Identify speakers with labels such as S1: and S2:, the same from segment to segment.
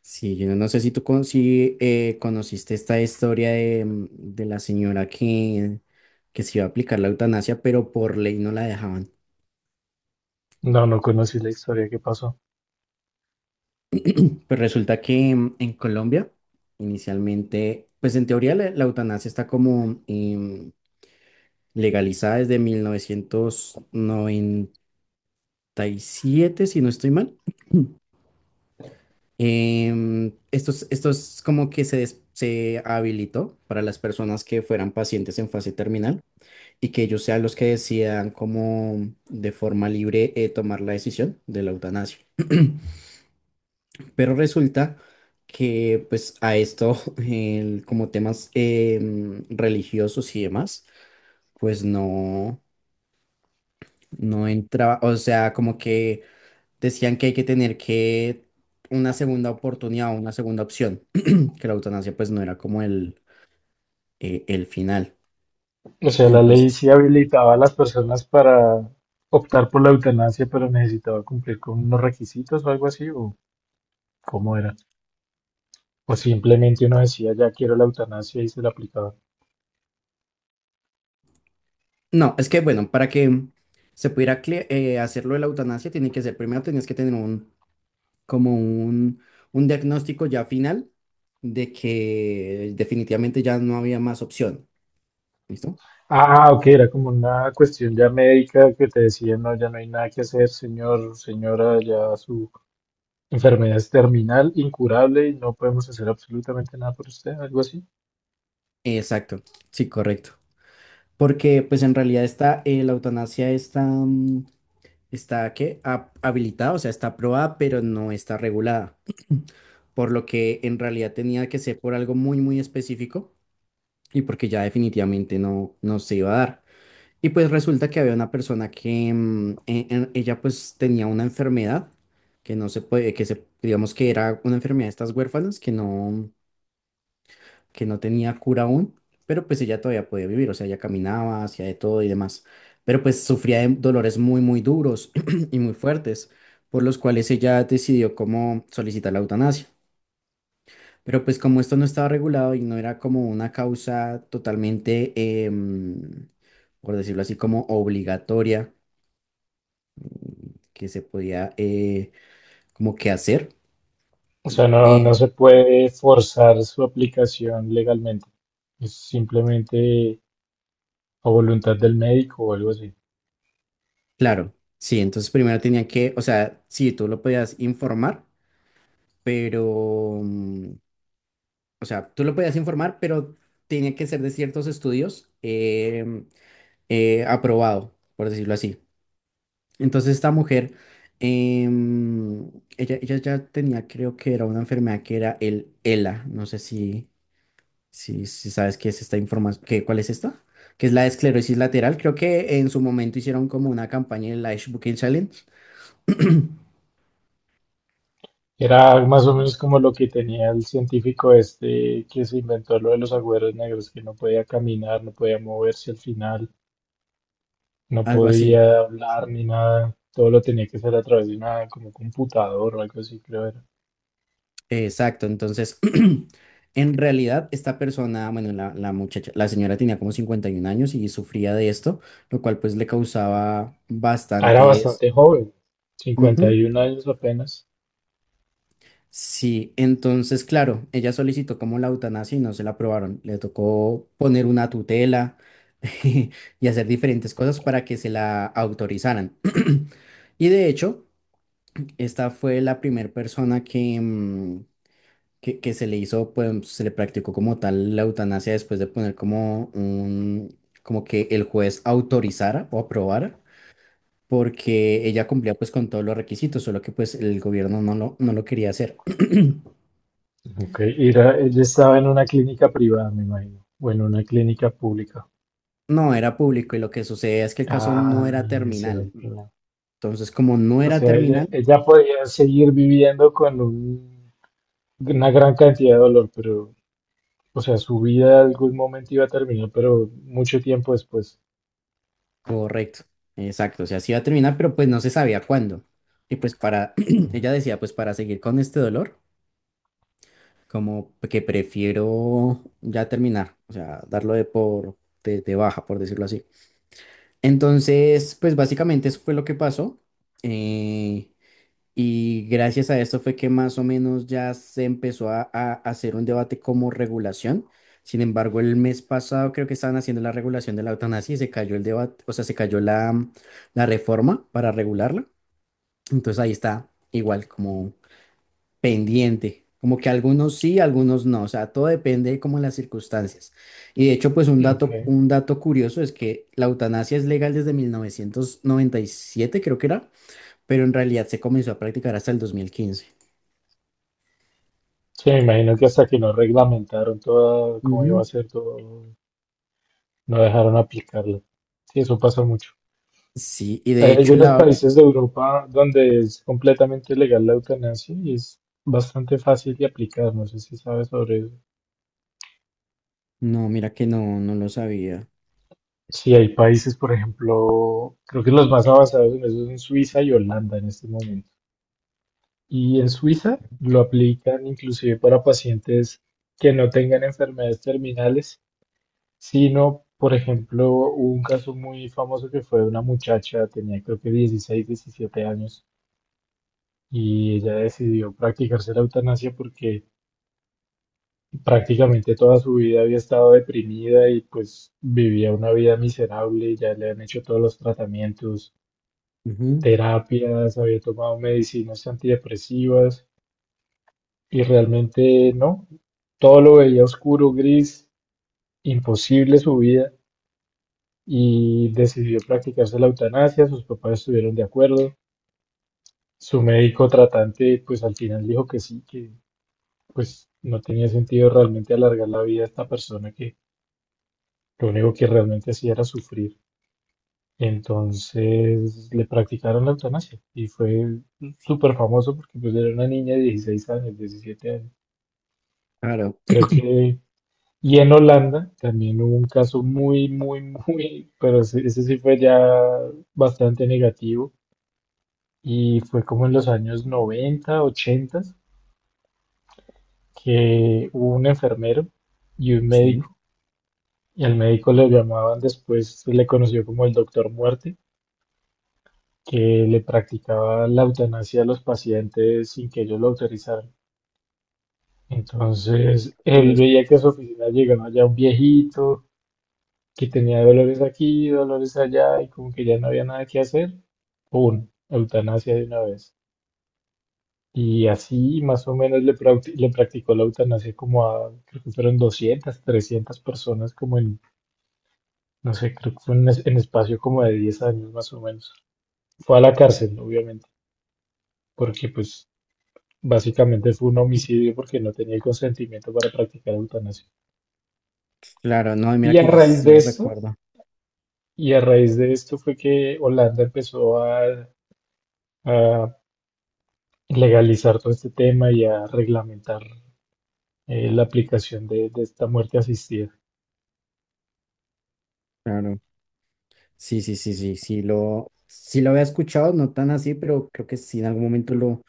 S1: Sí, yo no sé si tú con, si, conociste esta historia de la señora que se iba a aplicar la eutanasia, pero por ley no la dejaban.
S2: No, no conocí la historia que pasó.
S1: Pues resulta que en Colombia, inicialmente, pues en teoría la eutanasia está como legalizada desde 1997 si no estoy mal. Esto es como que se habilitó para las personas que fueran pacientes en fase terminal y que ellos sean los que decidan como de forma libre tomar la decisión de la eutanasia. Pero resulta que pues a esto, como temas religiosos y demás, pues no, no entraba, o sea, como que decían que hay que tener que una segunda oportunidad, o una segunda opción, que la eutanasia pues no era como el final.
S2: O sea, la
S1: Entonces,
S2: ley sí habilitaba a las personas para optar por la eutanasia, pero necesitaba cumplir con unos requisitos o algo así, o cómo era. O simplemente uno decía, ya quiero la eutanasia y se la aplicaba.
S1: no, es que bueno, para que se pudiera hacerlo de la eutanasia, tiene que ser primero tenías que tener como un, un diagnóstico ya final de que definitivamente ya no había más opción. ¿Listo?
S2: Ah, ok, era como una cuestión ya médica que te decían, no, ya no hay nada que hacer, señor, señora, ya su enfermedad es terminal, incurable y no podemos hacer absolutamente nada por usted, algo así.
S1: Exacto, sí, correcto. Porque pues en realidad la eutanasia está, está ¿qué? Habilitada, o sea, está aprobada, pero no está regulada. Por lo que en realidad tenía que ser por algo muy, muy específico y porque ya definitivamente no, no se iba a dar. Y pues resulta que había una persona que ella pues tenía una enfermedad que no se puede, que se, digamos que era una enfermedad de estas huérfanas que no tenía cura aún, pero pues ella todavía podía vivir, o sea, ella caminaba, hacía de todo y demás, pero pues sufría de dolores muy, muy duros y muy fuertes, por los cuales ella decidió cómo solicitar la eutanasia. Pero pues como esto no estaba regulado y no era como una causa totalmente, por decirlo así, como obligatoria que se podía como que hacer.
S2: O sea, no, no
S1: Eh,
S2: se puede forzar su aplicación legalmente. Es simplemente a voluntad del médico o algo así.
S1: claro, sí, entonces primero tenían que, o sea, sí, tú lo podías informar, pero, o sea, tú lo podías informar, pero tenía que ser de ciertos estudios aprobado, por decirlo así. Entonces esta mujer, em, ella ya tenía, creo que era una enfermedad que era el ELA, no sé si... Si, si sabes qué es esta información, ¿qué, cuál es esta? Que es la esclerosis lateral. Creo que en su momento hicieron como una campaña en la Ibuprofen Challenge,
S2: Era más o menos como lo que tenía el científico este que se inventó lo de los agujeros negros, que no podía caminar, no podía moverse al final, no
S1: algo así.
S2: podía hablar ni nada. Todo lo tenía que hacer a través de una como computador o algo así, creo era.
S1: Exacto. Entonces, en realidad, esta persona, bueno, la muchacha, la señora tenía como 51 años y sufría de esto, lo cual pues le causaba
S2: Ah, era
S1: bastantes.
S2: bastante joven,
S1: Ujú.
S2: 51 años apenas.
S1: Sí, entonces, claro, ella solicitó como la eutanasia y no se la aprobaron. Le tocó poner una tutela y hacer diferentes cosas para que se la autorizaran. Y de hecho, esta fue la primera persona que se le hizo, pues se le practicó como tal la eutanasia después de poner como un, como que el juez autorizara o aprobara, porque ella cumplía pues con todos los requisitos, solo que pues el gobierno no lo quería hacer.
S2: Ok, y ella estaba en una clínica privada, me imagino, o en una clínica pública.
S1: No, era público y lo que sucede es que el caso no era
S2: Ah, ese era
S1: terminal.
S2: el problema.
S1: Entonces, como no
S2: O
S1: era
S2: sea, ella,
S1: terminal,
S2: ella podía seguir viviendo con una gran cantidad de dolor, pero, o sea, su vida en algún momento iba a terminar, pero mucho tiempo después.
S1: correcto, exacto, o sea, sí iba a terminar, pero pues no se sabía cuándo. Y pues para, ella
S2: Ujú.
S1: decía, pues para seguir con este dolor, como que prefiero ya terminar, o sea, darlo de de baja, por decirlo así. Entonces, pues básicamente eso fue lo que pasó. Eh, Y gracias a esto fue que más o menos ya se empezó a hacer un debate como regulación. Sin embargo, el mes pasado creo que estaban haciendo la regulación de la eutanasia y se cayó el debate, o sea, se cayó la reforma para regularla. Entonces ahí está igual como pendiente, como que algunos sí, algunos no, o sea, todo depende como de las circunstancias. Y de hecho, pues
S2: Ok.
S1: un dato curioso es que la eutanasia es legal desde 1997 creo que era, pero en realidad se comenzó a practicar hasta el 2015.
S2: Sí, me imagino que hasta que no reglamentaron todo, cómo iba a
S1: Ujú.
S2: ser todo, no dejaron aplicarlo. Sí, eso pasa mucho.
S1: Sí, y
S2: Hay
S1: de hecho
S2: algunos
S1: la...
S2: países de Europa donde es completamente legal la eutanasia y es bastante fácil de aplicar. No sé si sabes sobre eso.
S1: No, mira que no, no lo sabía.
S2: Sí, hay países, por ejemplo, creo que los más avanzados en eso son Suiza y Holanda en este momento. Y en Suiza lo aplican inclusive para pacientes que no tengan enfermedades terminales, sino, por ejemplo, hubo un caso muy famoso que fue de una muchacha, tenía creo que 16, 17 años, y ella decidió practicarse la eutanasia porque prácticamente toda su vida había estado deprimida y pues vivía una vida miserable, ya le han hecho todos los tratamientos,
S1: Ujú.
S2: terapias, había tomado medicinas antidepresivas y realmente no, todo lo veía oscuro, gris, imposible su vida, y decidió practicarse la eutanasia, sus papás estuvieron de acuerdo, su médico tratante pues al final dijo que sí, que pues no tenía sentido realmente alargar la vida a esta persona que lo único que realmente hacía era sufrir. Entonces le practicaron la eutanasia y fue súper famoso porque pues era una niña de 16 años, 17 años.
S1: Claro.
S2: Creo que... Y en Holanda también hubo un caso muy, muy, muy, pero ese sí fue ya bastante negativo y fue como en los años 90 80, que hubo un enfermero y un
S1: Sí.
S2: médico, y al médico le llamaban después, se le conoció como el doctor muerte, que le practicaba la eutanasia a los pacientes sin que ellos lo autorizaran. Entonces,
S1: Creo que lo he
S2: él veía que a su
S1: escuchado.
S2: oficina llegaba ya un viejito que tenía dolores aquí, dolores allá, y como que ya no había nada que hacer, ¡pum! Eutanasia de una vez. Y así más o menos le practicó la eutanasia como a, creo que fueron 200, 300 personas, como en, no sé, creo que fue en espacio como de 10 años más o menos. Fue a la cárcel, obviamente, porque pues básicamente fue un homicidio porque no tenía el consentimiento para practicar eutanasia.
S1: Claro, no, y mira
S2: Y a
S1: que yo
S2: raíz
S1: sí
S2: de
S1: lo
S2: esto,
S1: recuerdo.
S2: y a raíz de esto fue que Holanda empezó a legalizar todo este tema y a reglamentar la aplicación de esta muerte asistida.
S1: Claro, sí, sí, sí, sí, sí lo había escuchado, no tan así, pero creo que sí en algún momento lo,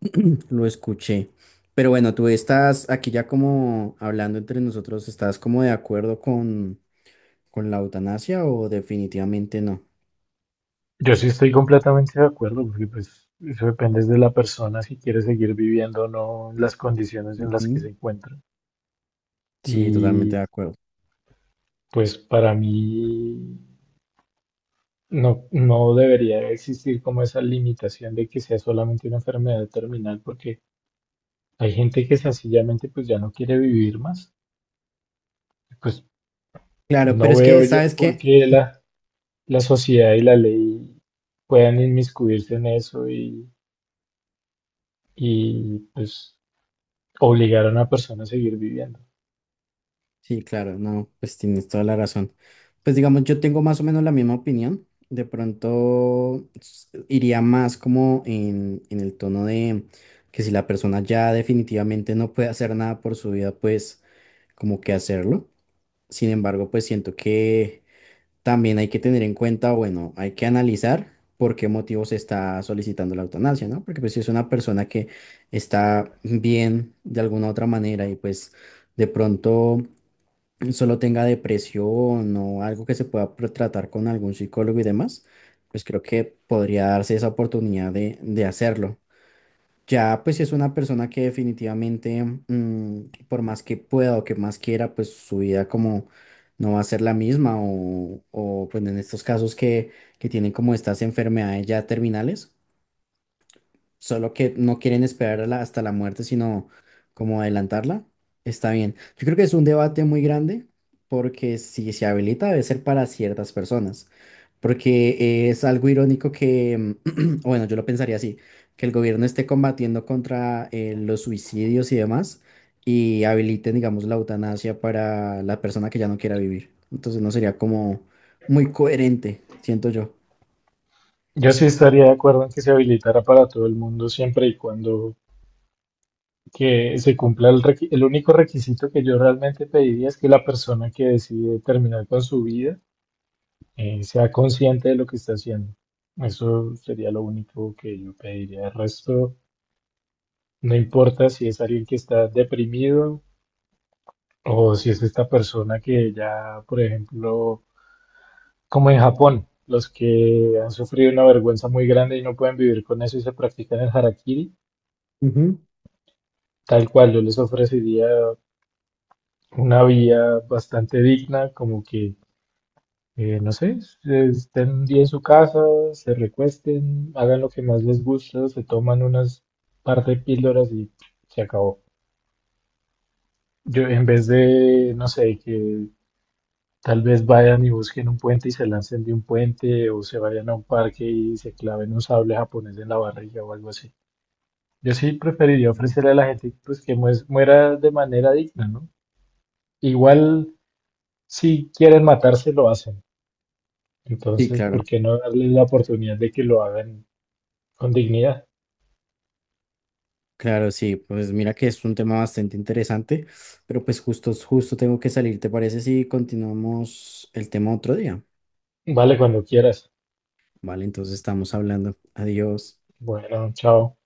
S1: lo escuché. Pero bueno, tú estás aquí ya como hablando entre nosotros, ¿estás como de acuerdo con la eutanasia o definitivamente no?
S2: Yo sí estoy completamente de acuerdo, porque pues eso depende de la persona si quiere seguir viviendo o no, las condiciones en las que
S1: Ujú.
S2: se encuentra.
S1: Sí, totalmente
S2: Y
S1: de acuerdo.
S2: pues para mí, no, no debería existir como esa limitación de que sea solamente una enfermedad terminal, porque hay gente que sencillamente pues ya no quiere vivir más. Pues
S1: Claro,
S2: no
S1: pero es que,
S2: veo yo
S1: ¿sabes
S2: por
S1: qué?
S2: qué la sociedad y la ley puedan inmiscuirse en eso y pues obligar a una persona a seguir viviendo.
S1: Sí, claro, no, pues tienes toda la razón. Pues digamos, yo tengo más o menos la misma opinión. De pronto iría más como en el tono de que si la persona ya definitivamente no puede hacer nada por su vida, pues como que hacerlo. Sin embargo, pues siento que también hay que tener en cuenta, bueno, hay que analizar por qué motivo se está solicitando la eutanasia, ¿no? Porque pues si es una persona que está bien de alguna otra manera y pues de pronto solo tenga depresión o algo que se pueda tratar con algún psicólogo y demás, pues creo que podría darse esa oportunidad de hacerlo. Ya, pues si es una persona que definitivamente, por más que pueda o que más quiera, pues su vida como no va a ser la misma o pues en estos casos que tienen como estas enfermedades ya terminales solo que no quieren esperar hasta la muerte, sino como adelantarla, está bien. Yo creo que es un debate muy grande porque si se habilita debe ser para ciertas personas, porque es algo irónico que, o bueno, yo lo pensaría así, que el gobierno esté combatiendo contra los suicidios y demás y habiliten, digamos, la eutanasia para la persona que ya no quiera vivir. Entonces no sería como muy coherente, siento yo.
S2: Yo sí estaría de acuerdo en que se habilitara para todo el mundo siempre y cuando que se cumpla el único requisito que yo realmente pediría es que la persona que decide terminar con su vida, sea consciente de lo que está haciendo. Eso sería lo único que yo pediría. El resto, no importa si es alguien que está deprimido o si es esta persona que ya, por ejemplo, como en Japón, los que han sufrido una vergüenza muy grande y no pueden vivir con eso y se practican el harakiri, tal cual yo les ofrecería una vía bastante digna, como que... No sé, estén un día en su casa, se recuesten, hagan lo que más les gusta, se toman unas par de píldoras y se acabó. Yo, en vez de, no sé, que tal vez vayan y busquen un puente y se lancen de un puente, o se vayan a un parque y se claven un sable japonés en la barriga o algo así. Yo sí preferiría
S1: Ujú.
S2: ofrecerle a la gente pues, que muera de manera digna, ¿no? Igual, si quieren matarse, lo hacen.
S1: Sí,
S2: Entonces, ¿por
S1: claro.
S2: qué no darles la oportunidad de que lo hagan con dignidad?
S1: Claro, sí, pues mira que es un tema bastante interesante, pero pues justo, justo tengo que salir, ¿te parece si continuamos el tema otro día?
S2: Vale, cuando quieras.
S1: Vale, entonces estamos hablando. Adiós.
S2: Bueno, chao.